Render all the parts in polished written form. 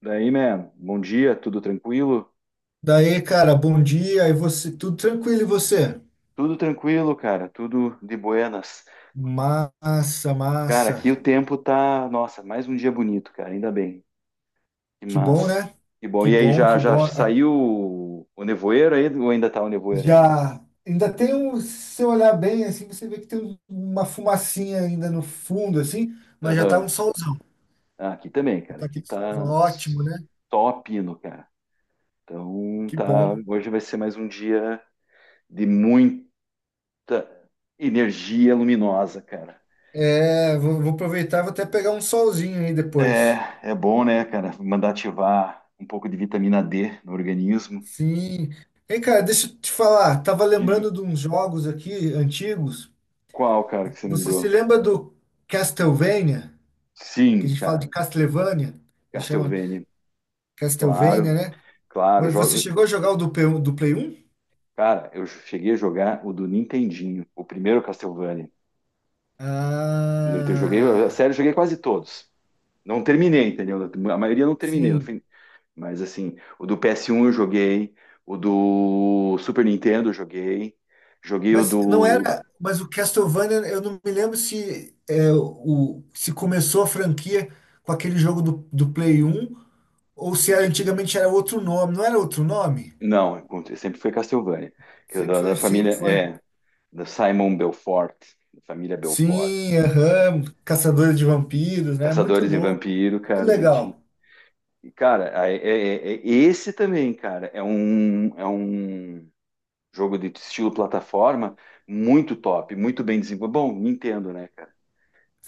Daí, man, bom dia, tudo tranquilo? Daí, cara, bom dia. E você, tudo tranquilo e você? Tudo tranquilo, cara, tudo de buenas. Massa, Cara, massa. aqui o tempo tá, nossa, mais um dia bonito, cara, ainda bem. Que Que bom, massa. né? Que bom. Que E aí, bom, já, que já bom. Saiu o nevoeiro aí? Ou ainda tá o nevoeiro ainda? Já ainda tem um, se você olhar bem assim, você vê que tem uma fumacinha ainda no fundo assim, mas já tá um Aham. solzão, Ah, aqui também, cara, tá aqui aquele solzão tá ótimo, né? só pino, cara. Então, Que tá, bom. hoje vai ser mais um dia de muita energia luminosa, cara. É, vou aproveitar, vou até pegar um solzinho aí depois. É bom, né, cara? Mandar ativar um pouco de vitamina D no organismo. Sim. Ei, cara, deixa eu te falar, tava Diga. lembrando de uns jogos aqui antigos. Qual, cara, que você Você se lembrou? lembra do Castlevania? Que a Sim, gente fala de cara. Castlevania, ele chama Castlevania. Castlevania, Claro, né? claro. Mas você Joga... chegou a jogar o do Play 1? Do Play 1? Cara, eu cheguei a jogar o do Nintendinho, o primeiro Castlevania. Joguei, a Ah, série, eu joguei quase todos. Não terminei, entendeu? A maioria eu não terminei no sim. fim. Mas, assim, o do PS1 eu joguei, o do Super Nintendo eu joguei, joguei o Mas não do era. Mas o Castlevania, eu não me lembro se, é, o, se começou a franquia com aquele jogo do Play 1 ou se era, antigamente era outro nome. Não era outro nome? Não, encontrei- sempre foi Castlevania. Que é Sempre da foi, família, sempre foi. é, da Simon Belfort, da família Belfort. Sim, aham, Caçadores de Vampiros, né? Muito Caçadores e louco, Vampiro, muito cara, daí tinha. legal. E, cara, esse também, cara, é um jogo de estilo plataforma muito top, muito bem desenvolvido. Bom, Nintendo, né, cara?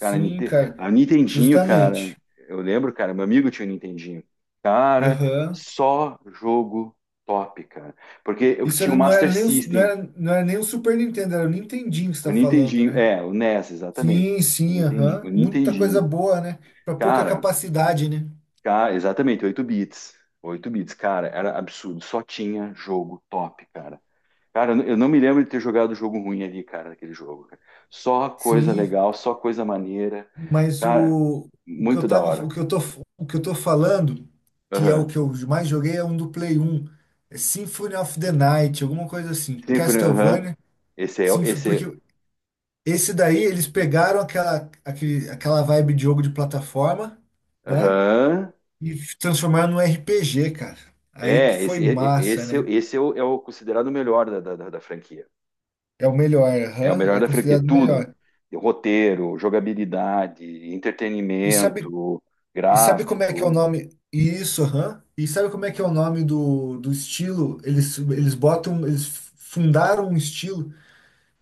Cara, cara, a Nintendinho, cara, justamente. eu lembro, cara, meu amigo tinha um Nintendinho. Cara, Aham. só jogo top, cara. Porque eu tinha o Não era Master nem o, não System, era, não era nem o Super Nintendo, era o Nintendinho que você o tá falando, Nintendinho, né? é, o NES, exatamente. Sim, O sim, Nintendinho, o aham. Muita coisa Nintendinho. boa, né? Pra pouca Cara, capacidade, né? cara, exatamente, 8 bits. 8 bits, cara, era absurdo. Só tinha jogo top, cara. Cara, eu não me lembro de ter jogado jogo ruim ali, cara, naquele jogo, cara. Só coisa Sim, legal, só coisa maneira. mas Cara, o que eu muito da tava, o hora. que eu tô, o que eu tô falando, que é o Aham. que eu mais joguei, é um do Play 1. É Symphony of the Night, alguma coisa assim. Symphony, aham. Castlevania, Symphony Esse porque esse daí eles pegaram aquela vibe de jogo de plataforma, é, né? aham. E transformaram num RPG, cara. Aí que É, foi esse, e- massa, esse, né? esse é o considerado o melhor da franquia. É o melhor, É o aham, melhor é da franquia. considerado o Tudo. melhor. Roteiro, jogabilidade, E sabe, entretenimento, e sabe como é que é o gráfico. nome? Isso, aham. E sabe como é que é o nome do estilo? Eles fundaram um estilo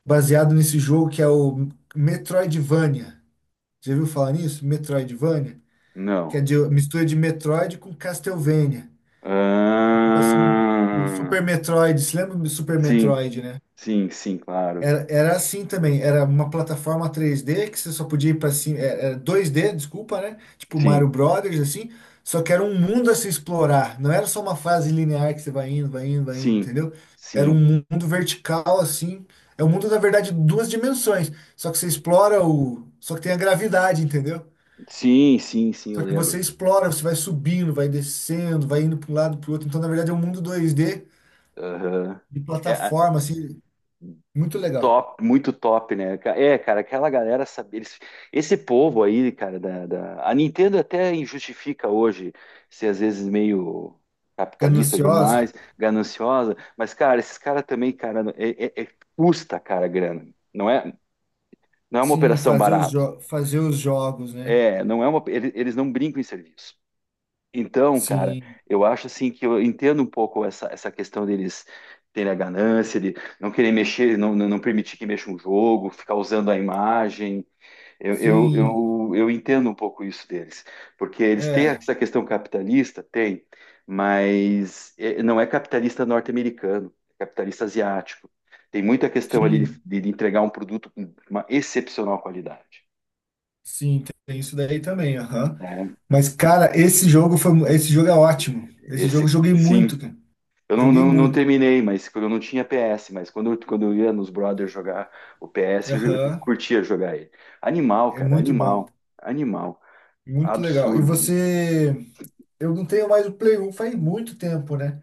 baseado nesse jogo que é o Metroidvania. Já viu falar nisso? Metroidvania? Que é Não. de mistura de Metroid com Castlevania. Tipo assim, o Ah, Super Metroid, se lembra do Super sim, Metroid, né? sim, sim, claro. Era assim também, era uma plataforma 3D que você só podia ir pra cima, era 2D, desculpa, né? Tipo Mario Sim, Brothers, assim, só que era um mundo a se explorar, não era só uma fase linear que você vai indo, vai indo, vai indo, sim, entendeu? Era um sim. mundo vertical, assim, é um mundo, na verdade, de duas dimensões, só que só que tem a gravidade, entendeu? Sim, sim, sim, eu Só que lembro. você explora, você vai subindo, vai descendo, vai indo para um lado, para o outro, então, na verdade, é um mundo 2D Aham. de É, plataforma, assim, muito legal, top, muito top, né? É, cara, aquela galera sabe, eles, esse povo aí, cara, a Nintendo até injustifica hoje ser às vezes meio capitalista gananciosa. demais, gananciosa, mas, cara, esses caras também, cara, custa, cara, a grana. Não é uma Sim, operação fazer os, barata. jo fazer os jogos, né? É, não é uma, ele- eles não brincam em serviço. Então, cara, Sim, eu acho assim que eu entendo um pouco essa questão deles terem a ganância de não querer mexer, não permitir que mexa um jogo, ficar usando a imagem. Eu, eu, sim, eu, eu entendo um pouco isso deles, porque eles têm é, essa questão capitalista, tem, mas não é capitalista norte-americano, é capitalista asiático. Tem muita questão ali sim, de entregar um produto com uma excepcional qualidade, sim, tem isso daí também, aham. né? Mas, cara, esse jogo é ótimo. Esse jogo Esse, eu joguei sim. muito, cara. Eu não, Joguei não, não muito. terminei, mas eu não tinha PS, mas quando eu ia nos brothers jogar o PS, eu Aham, curtia jogar ele. Animal, é cara, muito bom, animal, animal. muito legal. E Absurdo. você, eu não tenho mais o Play 1 faz muito tempo, né?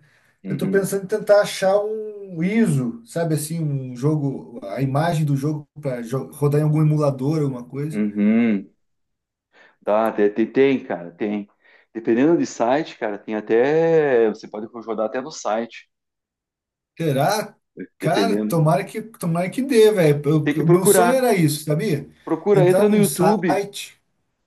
Eu tô Uhum, pensando em tentar achar um ISO, sabe assim, um jogo, a imagem do jogo para rodar em algum emulador, alguma coisa. uhum. Tá, tem, cara, tem. Dependendo de site, cara, tem até. Você pode jogar até no site, Será? Cara, dependendo. Tomara que dê, velho. Tem que O meu sonho procurar. era isso, sabia? Procura, Entrar entra no num YouTube. site.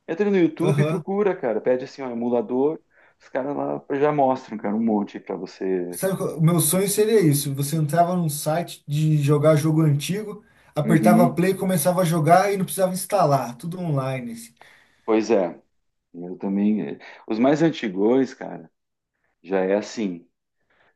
Entra no YouTube e Aham. procura, cara. Pede assim, um emulador. Os caras lá já mostram, cara, um monte pra você. Sabe, o meu sonho seria isso. Você entrava num site de jogar jogo antigo, apertava Uhum. play, começava a jogar e não precisava instalar. Tudo online, assim. Pois é, eu também. Os mais antigões, cara, já é assim.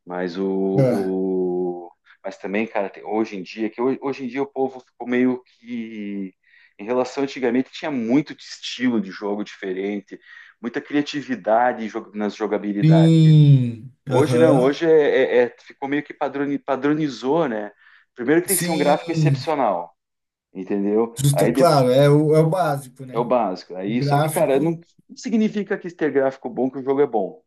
Mas o, Ah, o- mas também, cara, hoje em dia o povo ficou meio que em relação antigamente tinha muito de estilo de jogo diferente, muita criatividade nas jogabilidades. sim. Hoje não, Aham. hoje ficou meio que padronizou, né? Primeiro que tem que ser um gráfico Sim. excepcional, entendeu? Justa, Aí, claro, é o básico, é o né? básico. O Aí, só que, cara, gráfico não significa que ter gráfico bom que o jogo é bom,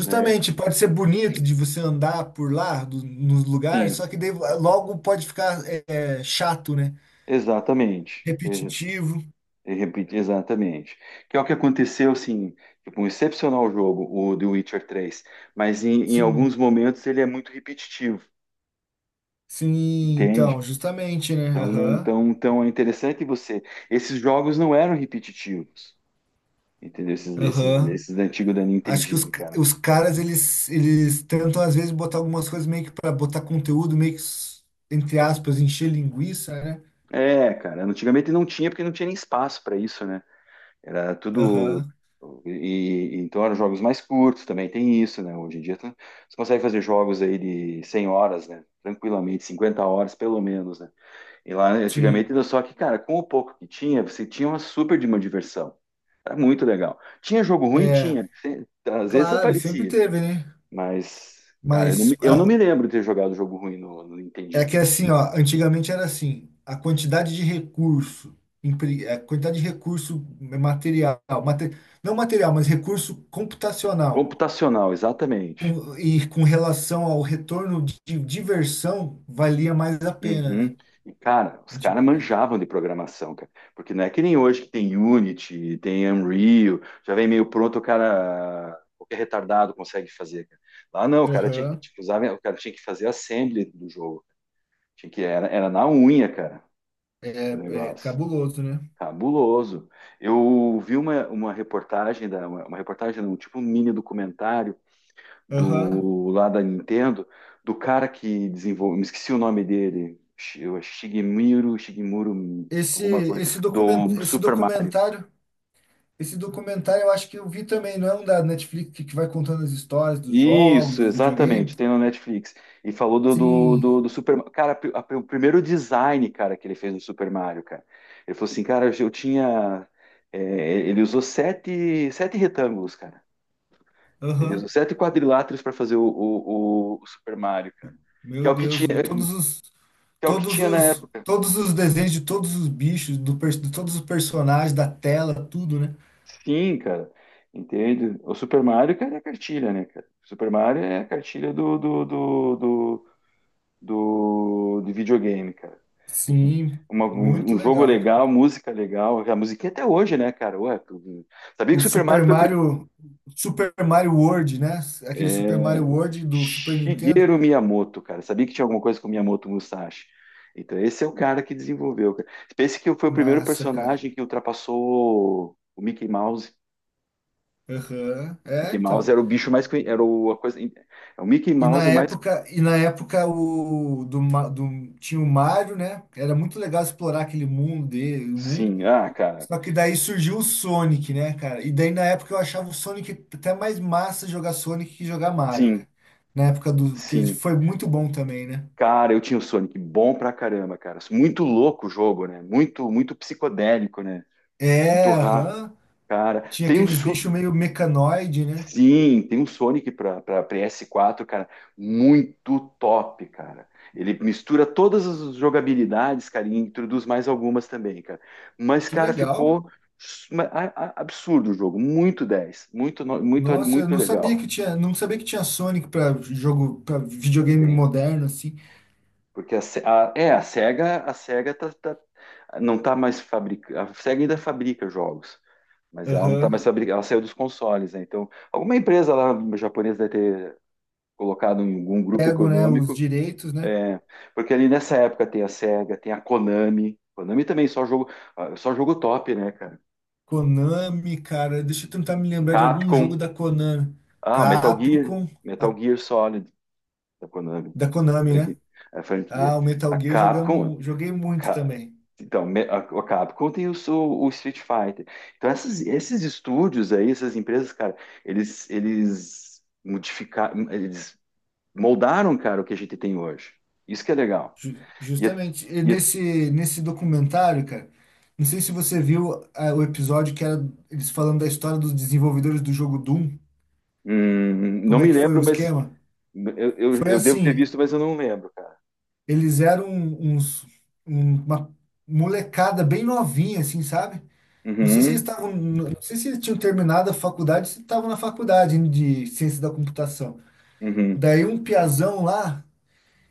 né? pode ser bonito de você andar por lá, do, no lugar, Sim, só que daí logo pode ficar chato, né? exatamente. Eu- Repetitivo. eu repito, exatamente. Que é o que aconteceu, assim, tipo, um excepcional jogo, o The Witcher 3, mas em alguns Sim, momentos ele é muito repetitivo, sim, então, entende? justamente, né? Então, não, Aham, então é interessante você. Esses jogos não eram repetitivos, entendeu? Esses, esses, aham. esses antigos da Acho que os, Nintendinho, c- cara. os caras, eles tentam, às vezes, botar algumas coisas meio que para botar conteúdo, meio que, entre aspas, encher linguiça, né? É, cara, antigamente não tinha porque não tinha nem espaço para isso, né? Era tudo. Aham, E, então eram jogos mais curtos também, tem isso, né? Hoje em dia você consegue fazer jogos aí de 100 horas, né? Tranquilamente, 50 horas pelo menos, né? E lá antigamente sim. era só que, cara, com o pouco que tinha, você tinha uma super de uma diversão. Era muito legal. Tinha jogo ruim? É, Tinha. Às vezes claro, sempre aparecia, teve, né? mas, cara, eu não, me- Mas eu não a- me lembro de ter jogado jogo ruim no É que Nintendinho. assim, ó, antigamente era assim, a quantidade de recurso, empre- a quantidade de recurso é, material, mate- não material, mas recurso computacional, Computacional, exatamente. E com relação ao retorno de diversão, valia mais a pena, Uhum. né? E, cara, os caras Antigamente. manjavam de programação, cara. Porque não é que nem hoje que tem Unity, tem Unreal, já vem meio pronto, o cara, qualquer retardado consegue fazer, cara. Lá não, o cara tinha que, Aham. tipo, usava, o cara tinha que fazer assembly do jogo. Tinha que, era na unha, cara, É, o é negócio. cabuloso, né? Cabuloso. Eu vi uma reportagem, um tipo um mini documentário Aham. do lá da Nintendo, do cara que desenvolveu, me esqueci o nome dele, Shigemiro, Shigemuro, Esse, alguma coisa, esse, document, do esse Super Mario. documentário, esse documentário eu acho que eu vi também, não é um da Netflix que vai contando as histórias dos jogos, Isso, dos videogames? exatamente, tem no Netflix. E falou do, do, Sim, do, do Super Mario. Cara, o primeiro design, cara, que ele fez no Super Mario, cara. Ele falou assim, cara, eu tinha. É, ele usou sete retângulos, cara. Ele aham. usou sete quadriláteros para fazer o Super Mario, cara. Que é Meu o que tinha, Deus, o- todos os que é o que todos tinha na os época. todos os desenhos de todos os bichos, de todos os personagens da tela, tudo, né? Sim, cara. Entende? O Super Mario, cara, é a cartilha, né, cara? O Super Mario é a cartilha de videogame, cara. Sim, Uma- um, muito um jogo legal. legal, música legal. A musiquinha até hoje, né, cara? Ué, sabia que O o Super Mario Super foi o primeiro. Mario Super Mario World, né? Aquele Super É... Mario World do Super Nintendo. Shigeru Miyamoto, cara. Sabia que tinha alguma coisa com o Miyamoto Musashi. Então, esse é o cara que desenvolveu, cara. Pense que foi o primeiro Massa, cara. personagem que ultrapassou o Mickey Mouse. Aham. É, Mickey Mouse então. era o bicho mais era o, a coisa é, o Mickey E na Mouse é mais. época, e na época o do, Ma- do tinha o Mario, né? Era muito legal explorar aquele mundo dele. Sim, ah, cara. Só que daí surgiu o Sonic, né, cara? E daí na época eu achava o Sonic até mais massa jogar Sonic que jogar Mario, Sim, cara. Na época do que ele sim, foi muito bom também, né? cara. Eu tinha o Sonic bom pra caramba, cara. Muito louco o jogo, né? Muito, muito psicodélico, né? Muito É, rápido, aham. cara. Tinha aqueles bichos meio mecanoide, né? Sim, tem um Sonic para PS4, cara, muito top, cara. Ele mistura todas as jogabilidades, cara, e introduz mais algumas também, cara. Mas, Que cara, legal. ficou absurdo o jogo, muito dez, muito, no- muito, Nossa, eu muito não sabia legal. que tinha, não sabia que tinha Sonic para videogame Tem, moderno assim. porque a, Se- a- é, a Sega tá, não tá mais fabricando, a Sega ainda fabrica jogos, mas ela não tá Aham. mais fabricando, ela saiu dos consoles, né? Então, alguma empresa lá japonesa deve ter colocado em algum grupo Pego, né, os econômico. direitos, né? É, porque ali nessa época tem a SEGA, tem a Konami. Konami também só jogo, ah, só jogo top, né, cara? Konami, cara, deixa eu tentar me lembrar de algum Capcom, jogo da Konami. ah, Metal Gear, Capcom, Metal a- Gear Solid da Konami, da Konami, franqui- né? a franquia. Ah, o A Metal Gear Capcom, joguei muito Ca- também. então, me- a Capcom tem o Street Fighter. Então, esses estúdios aí, essas empresas, cara, eles modificaram, eles moldaram, cara, o que a gente tem hoje. Isso que é legal. Ju- E, é- justamente e e é- nesse documentário, cara. Não sei se você viu o episódio que era eles falando da história dos desenvolvedores do jogo Doom. Não Como é me que foi o lembro, mas esquema? Eu, eu, Foi eu devo ter assim, visto, mas eu não lembro, cara. eles eram uma molecada bem novinha, assim, sabe? Não sei se eles Uhum, estavam, não sei se eles tinham terminado a faculdade, se estavam na faculdade de ciência da computação. uhum, Daí um piazão lá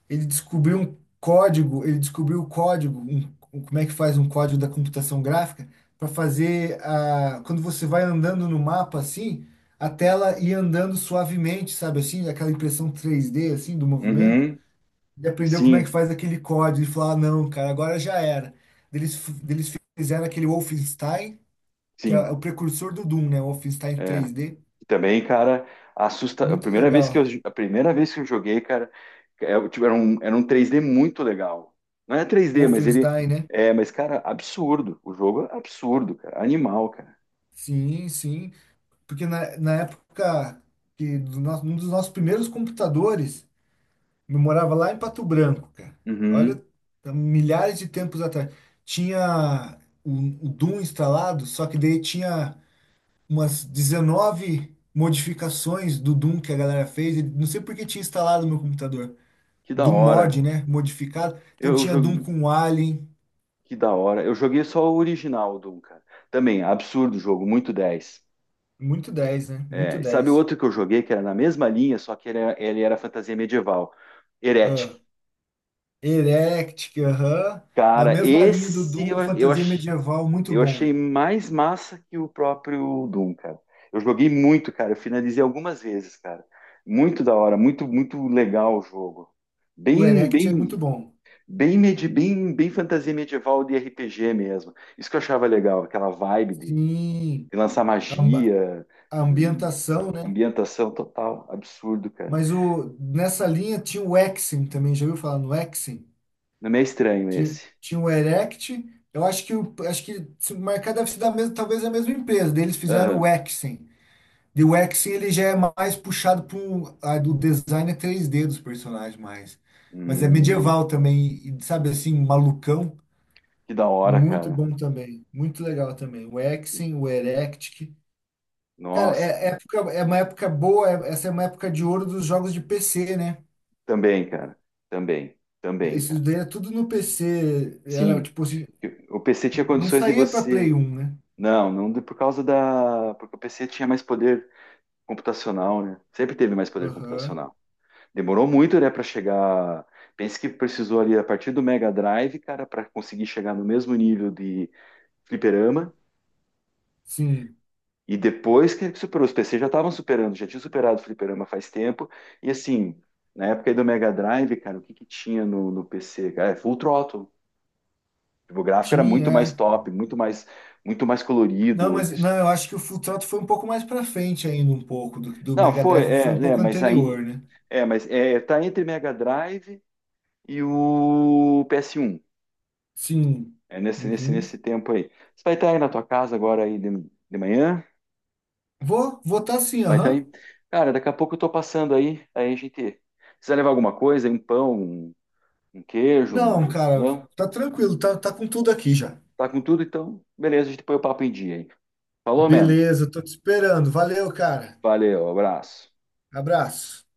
ele descobriu o código, como é que faz um código da computação gráfica para fazer quando você vai andando no mapa assim, a tela ir andando suavemente, sabe assim, aquela impressão 3D assim do movimento. uhum. Ele aprendeu como é que Sim, faz aquele código e falou: ah, não, cara, agora já era. Eles, eles fizeram aquele Wolfenstein, que é sim. o precursor do Doom, né? O Wolfenstein É. 3D. E também, cara, assusta. Muito legal. A primeira vez que eu joguei, cara, é, tipo, era um 3D muito legal. Não é 3D mas ele. Wolfenstein, né? É, mas, cara, absurdo. O jogo é absurdo, cara. Animal, cara. Sim, sim. Porque na época um dos nossos primeiros computadores, eu morava lá em Pato Branco, cara. Uhum. Olha, há milhares de tempos atrás. Tinha o Doom instalado, só que daí tinha umas 19 modificações do Doom que a galera fez. E não sei por que tinha instalado no meu computador. Que da Doom hora. mod, né? Modificado. Então Eu tinha Doom joguei. com Alien. Que da hora. Eu joguei só o original, Doom, cara. Também, absurdo o jogo, muito 10. Muito dez, né? Muito É, e sabe 10. outro que eu joguei que era na mesma linha, só que ele era fantasia medieval? Heretic. Ah, Erect, aham. Na Cara, mesma linha do esse Doom, eu, eu, fantasia ach- medieval, muito eu bom. achei mais massa que o próprio Doom, cara. Eu joguei muito, cara. Eu finalizei algumas vezes, cara. Muito da hora, muito, muito legal o jogo. O Bem, Erect é muito bem, bom. bem fantasia medieval de RPG mesmo. Isso que eu achava legal, aquela vibe de Sim, lançar a, amba- magia, a hum, ambientação, né? ambientação total, absurdo, cara. Mas nessa linha tinha o Exim também, já ouviu falar no Exim? Não é estranho Tinha, esse. tinha o Erect, eu acho que se marcar deve ser da mesma, talvez a mesma empresa, daí eles fizeram o Aham. Exim. E o Exim ele já é mais puxado para o design é 3D dos personagens mais. Mas é Hum, medieval também, e, sabe assim, malucão. que da hora, Muito cara. bom também, muito legal também. O Exim, o Erectic. Cara, Nossa, é, é cara. época, é uma época boa, é- essa é uma época de ouro dos jogos de PC, né? Também, cara. Também, também, Isso cara. daí era tudo no PC, era Sim. tipo assim, O PC tinha não condições de saía pra Play você. 1, né? Não, não por causa da. Porque o PC tinha mais poder computacional, né? Sempre teve mais poder Aham, computacional. Demorou muito, né, para chegar. Pense que precisou ali a partir do Mega Drive, cara, para conseguir chegar no mesmo nível de fliperama. sim, E depois que ele superou, os PC já estavam superando, já tinha superado o fliperama faz tempo. E assim, na época aí do Mega Drive, cara, o que que tinha no PC? Cara, é Full Throttle. Tipo, o gráfico era tinha. muito mais É. top, muito mais Não, colorido. mas Isso. não, eu acho que o Full Throttle foi um pouco mais pra frente ainda, um pouco, do Não, Mega foi, Drive foi um pouco mas aí, anterior, né? é, mas é, tá entre Mega Drive e o PS1. Sim, É nesse, nesse, uhum. nesse tempo aí. Você vai estar aí na tua casa agora aí de manhã? Vou votar sim, Vai estar aham. aí? Cara, daqui a pouco eu tô passando aí a gente. Precisa levar alguma coisa, um pão, um queijo, Não, um, cara, não? tá tranquilo, tá com tudo aqui já. Tá com tudo, então? Beleza, a gente põe o papo em dia, hein? Falou, mano. Beleza, tô te esperando. Valeu, cara. Valeu, abraço. Abraço.